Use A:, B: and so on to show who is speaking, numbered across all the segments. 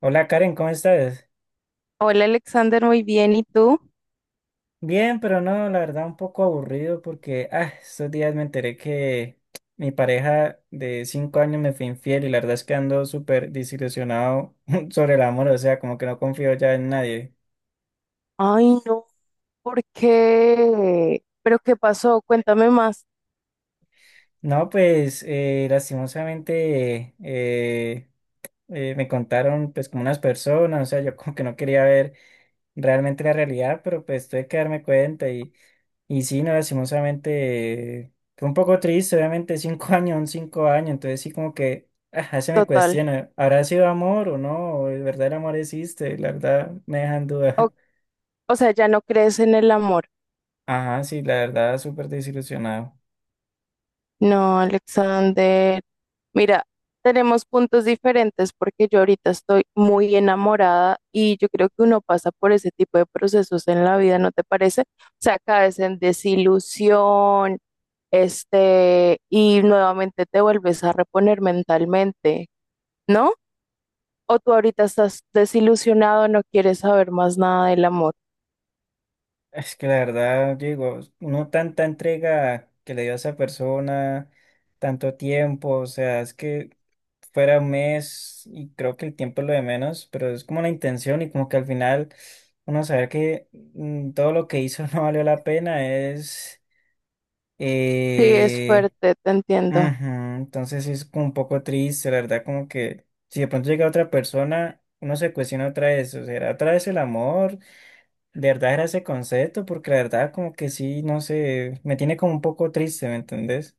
A: Hola Karen, ¿cómo estás?
B: Hola Alexander, muy bien. ¿Y tú?
A: Bien, pero no, la verdad un poco aburrido porque estos días me enteré que mi pareja de 5 años me fue infiel y la verdad es que ando súper desilusionado sobre el amor, o sea, como que no confío ya en nadie.
B: Ay, no, ¿por qué? ¿Pero qué pasó? Cuéntame más,
A: No, pues lastimosamente me contaron pues como unas personas, o sea, yo como que no quería ver realmente la realidad, pero pues tuve que darme cuenta. Y sí, no, lastimosamente fue un poco triste, obviamente 5 años, son 5 años, entonces sí como que se me
B: total.
A: cuestiona, ¿habrá sido amor o no? ¿O ¿De verdad el amor existe? La verdad me dejan
B: O,
A: duda.
B: o sea, ya no crees en el amor.
A: Ajá, sí, la verdad súper desilusionado.
B: No, Alexander. Mira, tenemos puntos diferentes porque yo ahorita estoy muy enamorada y yo creo que uno pasa por ese tipo de procesos en la vida, ¿no te parece? O sea, caes en desilusión, este, y nuevamente te vuelves a reponer mentalmente, ¿no? O tú ahorita estás desilusionado, no quieres saber más nada del amor.
A: Es que la verdad, digo, uno tanta entrega que le dio a esa persona, tanto tiempo, o sea, es que fuera 1 mes y creo que el tiempo es lo de menos, pero es como la intención y como que al final uno saber que todo lo que hizo no valió la pena es...
B: Sí, es
A: eh,
B: fuerte, te
A: ujú.
B: entiendo.
A: Entonces sí es como un poco triste, la verdad, como que si de pronto llega otra persona, uno se cuestiona otra vez, o sea, otra vez el amor, de verdad era ese concepto, porque la verdad como que sí, no sé, me tiene como un poco triste, ¿me entendés?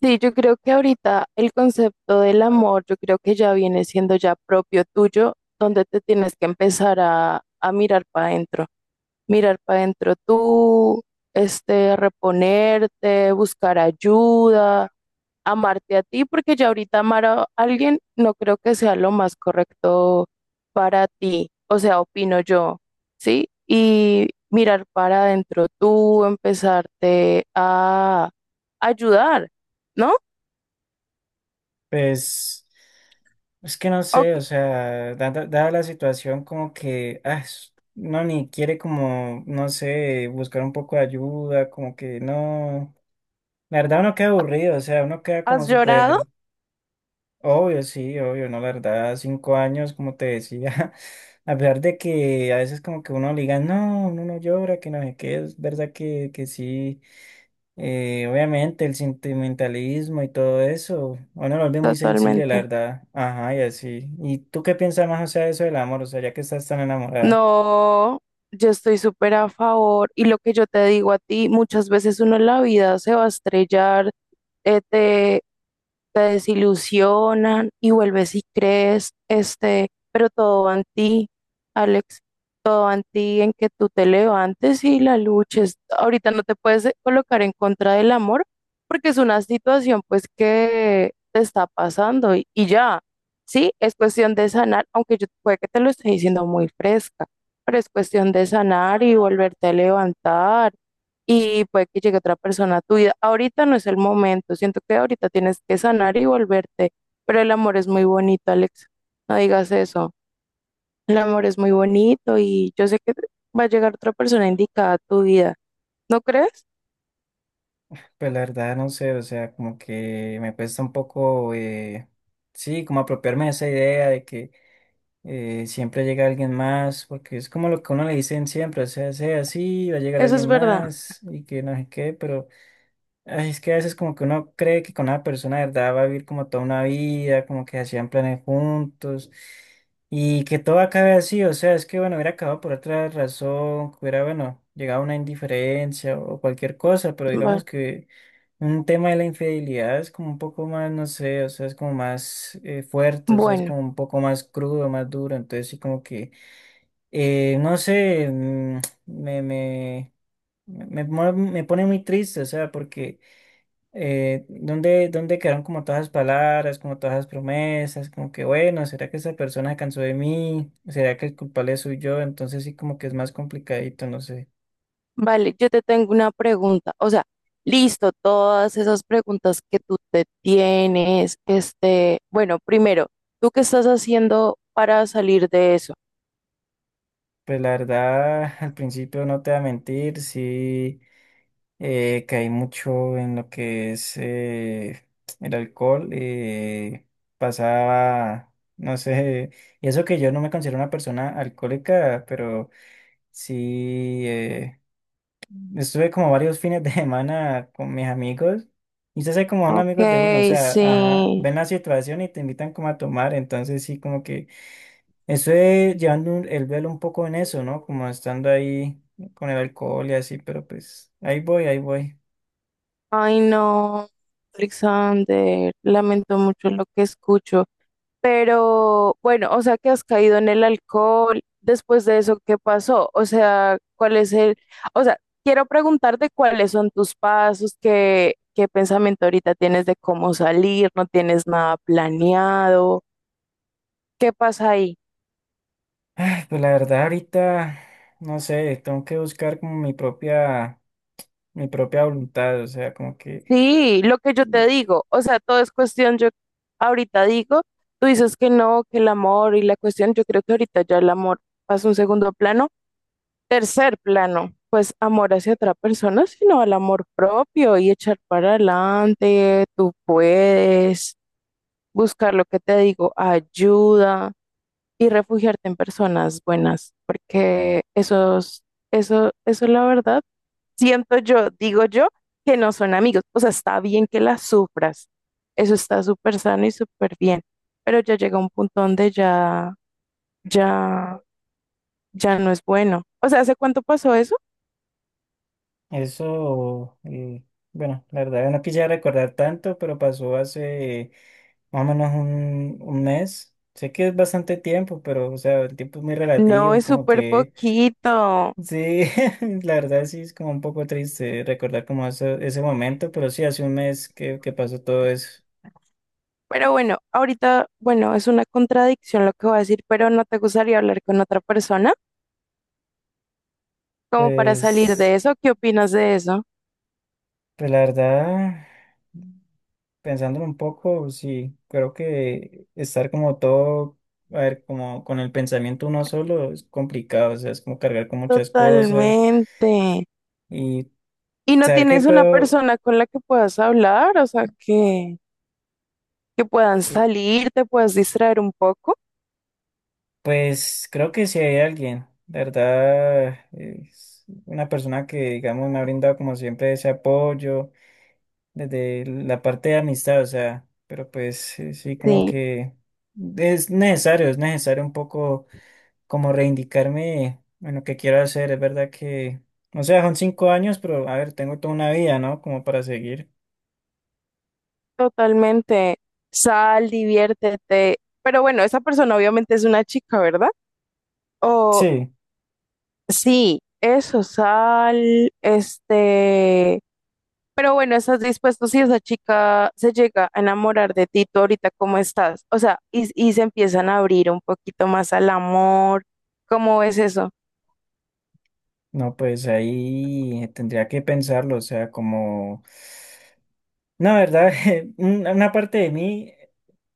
B: Sí, yo creo que ahorita el concepto del amor, yo creo que ya viene siendo ya propio tuyo, donde te tienes que empezar a mirar para adentro tú, este, reponerte, buscar ayuda, amarte a ti, porque ya ahorita amar a alguien no creo que sea lo más correcto para ti, o sea, opino yo, ¿sí? Y mirar para adentro tú, empezarte a ayudar, ¿no?
A: Pues es que no
B: ¿O
A: sé, o
B: qué-
A: sea, dada la situación como que, es- no, ni quiere como, no sé, buscar un poco de ayuda, como que no, la verdad uno queda aburrido, o sea, uno queda como
B: ¿Has llorado?
A: súper, obvio, sí, obvio, no, la verdad, 5 años, como te decía, a pesar de que a veces como que uno le diga, no, uno no llora, que no sé qué, es verdad que sí. Obviamente el sentimentalismo y todo eso, bueno, lo vuelve muy sensible, la
B: Totalmente.
A: verdad. Ajá, y así. ¿Y tú qué piensas más, o sea, de eso del amor? O sea, ya que estás tan enamorada.
B: No, yo estoy súper a favor. Y lo que yo te digo a ti, muchas veces uno en la vida se va a estrellar, eh, te, te desilusionan y vuelves y crees, este, pero todo va en ti, Alex, todo va en ti, en que tú te levantes y la luches. Ahorita no te puedes colocar en contra del amor porque es una situación pues que te está pasando y ya. Sí, es cuestión de sanar, aunque yo puede que te lo esté diciendo muy fresca, pero es cuestión de sanar y volverte a levantar y puede que llegue otra persona a tu vida. Ahorita no es el momento, siento que ahorita tienes que sanar y volverte, pero el amor es muy bonito, Alex, no digas eso. El amor es muy bonito y yo sé que va a llegar otra persona indicada a tu vida, ¿no crees?
A: Pues la verdad, no sé, o sea, como que me cuesta un poco, sí, como apropiarme de esa idea de que siempre llega alguien más, porque es como lo que a uno le dicen siempre, o sea, sea así, va a llegar
B: Eso es
A: alguien
B: verdad.
A: más y que no sé qué, pero... Ay, es que a veces como que uno cree que con una persona de verdad va a vivir como toda una vida, como que hacían planes juntos y que todo acabe así, o sea, es que bueno, hubiera acabado por otra razón, que hubiera, bueno, llegado a una indiferencia o cualquier cosa, pero
B: Va-
A: digamos que un tema de la infidelidad es como un poco más, no sé, o sea, es como más fuerte, o sea, es
B: Bueno.
A: como un poco más crudo, más duro, entonces sí como que, no sé, me, me, me pone muy triste, o sea, porque ¿dónde quedaron como todas las palabras, como todas las promesas? Como que, bueno, ¿será que esa persona se cansó de mí? ¿Será que el culpable soy yo? Entonces sí como que es más complicadito, no sé.
B: Vale, yo te tengo una pregunta. O sea, listo, todas esas preguntas que tú te tienes, este, bueno, primero, ¿tú qué estás haciendo para salir de eso?
A: Pues la verdad, al principio no te voy a mentir, sí caí mucho en lo que es el alcohol. Pasaba, no sé, y eso que yo no me considero una persona alcohólica, pero sí... Estuve como varios fines de semana con mis amigos y se hace como son
B: Ok,
A: amigos de uno, o sea, ajá,
B: sí.
A: ven la situación y te invitan como a tomar, entonces sí, como que estuve llevando un- el velo un poco en eso, ¿no? Como estando ahí con el alcohol y así, pero pues ahí voy, ahí voy.
B: Ay, no, Alexander, lamento mucho lo que escucho. Pero bueno, o sea, que has caído en el alcohol. Después de eso, ¿qué pasó? O sea, ¿cuál es el, o sea, quiero preguntarte cuáles son tus pasos, qué pensamiento ahorita tienes de cómo salir, no tienes nada planeado, ¿qué pasa ahí?
A: Ay, pues la verdad ahorita, no sé, tengo que buscar como mi propia voluntad, o sea, como que
B: Sí, lo que yo te digo, o sea, todo es cuestión, yo ahorita digo, tú dices que no, que el amor y la cuestión, yo creo que ahorita ya el amor pasa a un segundo plano. Tercer plano, pues amor hacia otra persona, sino al amor propio y echar para adelante, tú puedes buscar lo que te digo, ayuda y refugiarte en personas buenas, porque esos, eso la verdad, siento yo, digo yo, que no son amigos. O sea, está bien que las sufras, eso está súper sano y súper bien, pero ya llega un punto donde ya, ya no es bueno. O sea, ¿hace cuánto pasó eso?
A: eso, bueno, la verdad no quisiera recordar tanto, pero pasó hace... más o menos un mes. Sé que es bastante tiempo, pero, o sea, el tiempo es muy
B: No,
A: relativo y
B: es
A: como
B: súper
A: que,
B: poquito.
A: sí, la verdad sí es como un poco triste recordar como ese momento, pero sí, hace 1 mes que pasó todo eso.
B: Pero bueno, ahorita, bueno, es una contradicción lo que voy a decir, pero ¿no te gustaría hablar con otra persona? Como para salir de
A: Pues,
B: eso, ¿qué opinas de eso?
A: pues la verdad, pensándolo un poco, sí, creo que estar como todo, a ver, como con el pensamiento uno solo es complicado, o sea, es como cargar con muchas cosas
B: Totalmente.
A: y
B: ¿Y no
A: saber que
B: tienes una
A: puedo...
B: persona con la que puedas hablar? O sea, que puedan
A: eh,
B: salir, te puedas distraer un poco.
A: Pues creo que si hay alguien, de verdad, es una persona que, digamos, me ha brindado como siempre ese apoyo desde la parte de amistad, o sea, pero pues sí, sí, como
B: Sí,
A: que es necesario un poco como reivindicarme en lo que quiero hacer, es verdad que, o sea, son 5 años, pero a ver, tengo toda una vida, ¿no? Como para seguir.
B: totalmente. Sal, diviértete. Pero bueno, esa persona obviamente es una chica, ¿verdad?
A: Sí,
B: Sí, eso, sal, este, pero bueno, estás dispuesto si esa chica se llega a enamorar de ti, tú ahorita cómo estás, o sea, y se empiezan a abrir un poquito más al amor, ¿cómo ves eso?
A: no, pues ahí tendría que pensarlo, o sea, como... No, verdad, una parte de mí,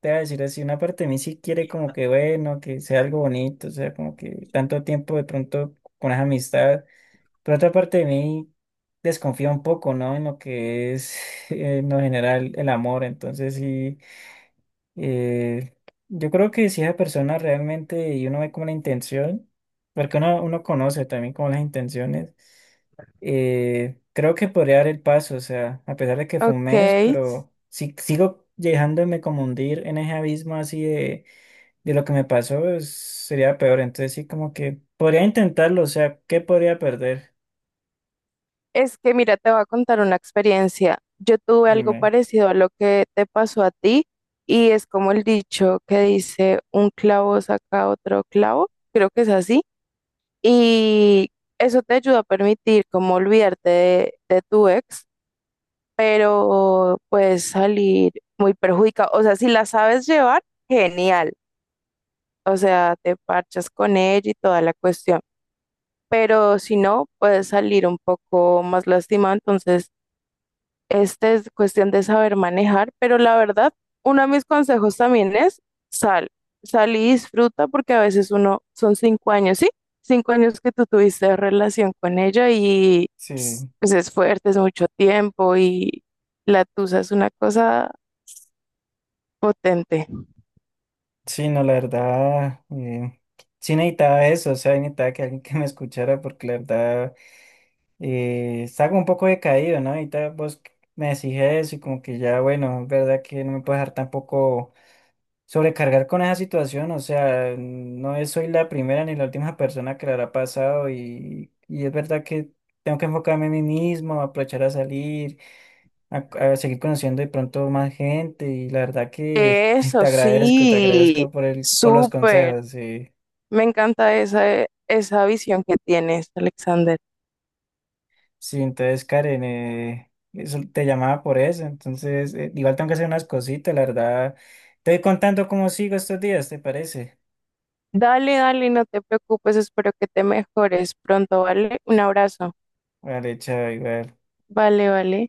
A: te voy a decir así, una parte de mí sí quiere como que bueno, que sea algo bonito, o sea, como que tanto tiempo de pronto con esa amistad, pero otra parte de mí desconfía un poco, ¿no? En lo que es en lo general el amor, entonces sí. Eh, yo creo que si esa persona realmente y uno ve como la intención, porque uno conoce también como las intenciones, creo que podría dar el paso, o sea, a pesar de que fue un
B: Ok,
A: mes, pero si sigo dejándome como hundir en ese abismo así de lo que me pasó, es- sería peor. Entonces sí, como que podría intentarlo, o sea, ¿qué podría perder?
B: es que mira, te voy a contar una experiencia, yo tuve algo
A: Dime.
B: parecido a lo que te pasó a ti y es como el dicho que dice, un clavo saca otro clavo, creo que es así. Y eso te ayuda a permitir como olvidarte de tu ex, pero puedes salir muy perjudicado. O sea, si la sabes llevar, genial. O sea, te parchas con ella y toda la cuestión. Pero si no, puedes salir un poco más lastimado. Entonces, este es cuestión de saber manejar, pero la verdad, uno de mis consejos también es sal, sal y disfruta porque a veces uno son 5 años, ¿sí? 5 años que tú tuviste relación con ella y
A: Sí,
B: pues, es fuerte, es mucho tiempo y la tusa es una cosa potente.
A: sí, no, la verdad, sí necesitaba eso, o sea, necesitaba que alguien que me escuchara porque la verdad... Está como un poco decaído, ¿no? Ahorita vos me decís eso y como que ya, bueno, es verdad que no me puedo dejar tampoco sobrecargar con esa situación, o sea, no es- soy la primera ni la última persona que le habrá pasado y es verdad que tengo que enfocarme en mí mismo, aprovechar a salir, a, a seguir conociendo de pronto más gente y la verdad que
B: Eso
A: te
B: sí,
A: agradezco por el, por los
B: súper.
A: consejos, sí.
B: Me encanta esa visión que tienes, Alexander.
A: Sí, entonces Karen, eso- te llamaba por eso, entonces igual tengo que hacer unas cositas, la verdad. Te voy contando cómo sigo estos días, ¿te parece?
B: Dale, dale, no te preocupes, espero que te mejores pronto, ¿vale? Un abrazo.
A: Vale, chao, igual.
B: Vale, vale.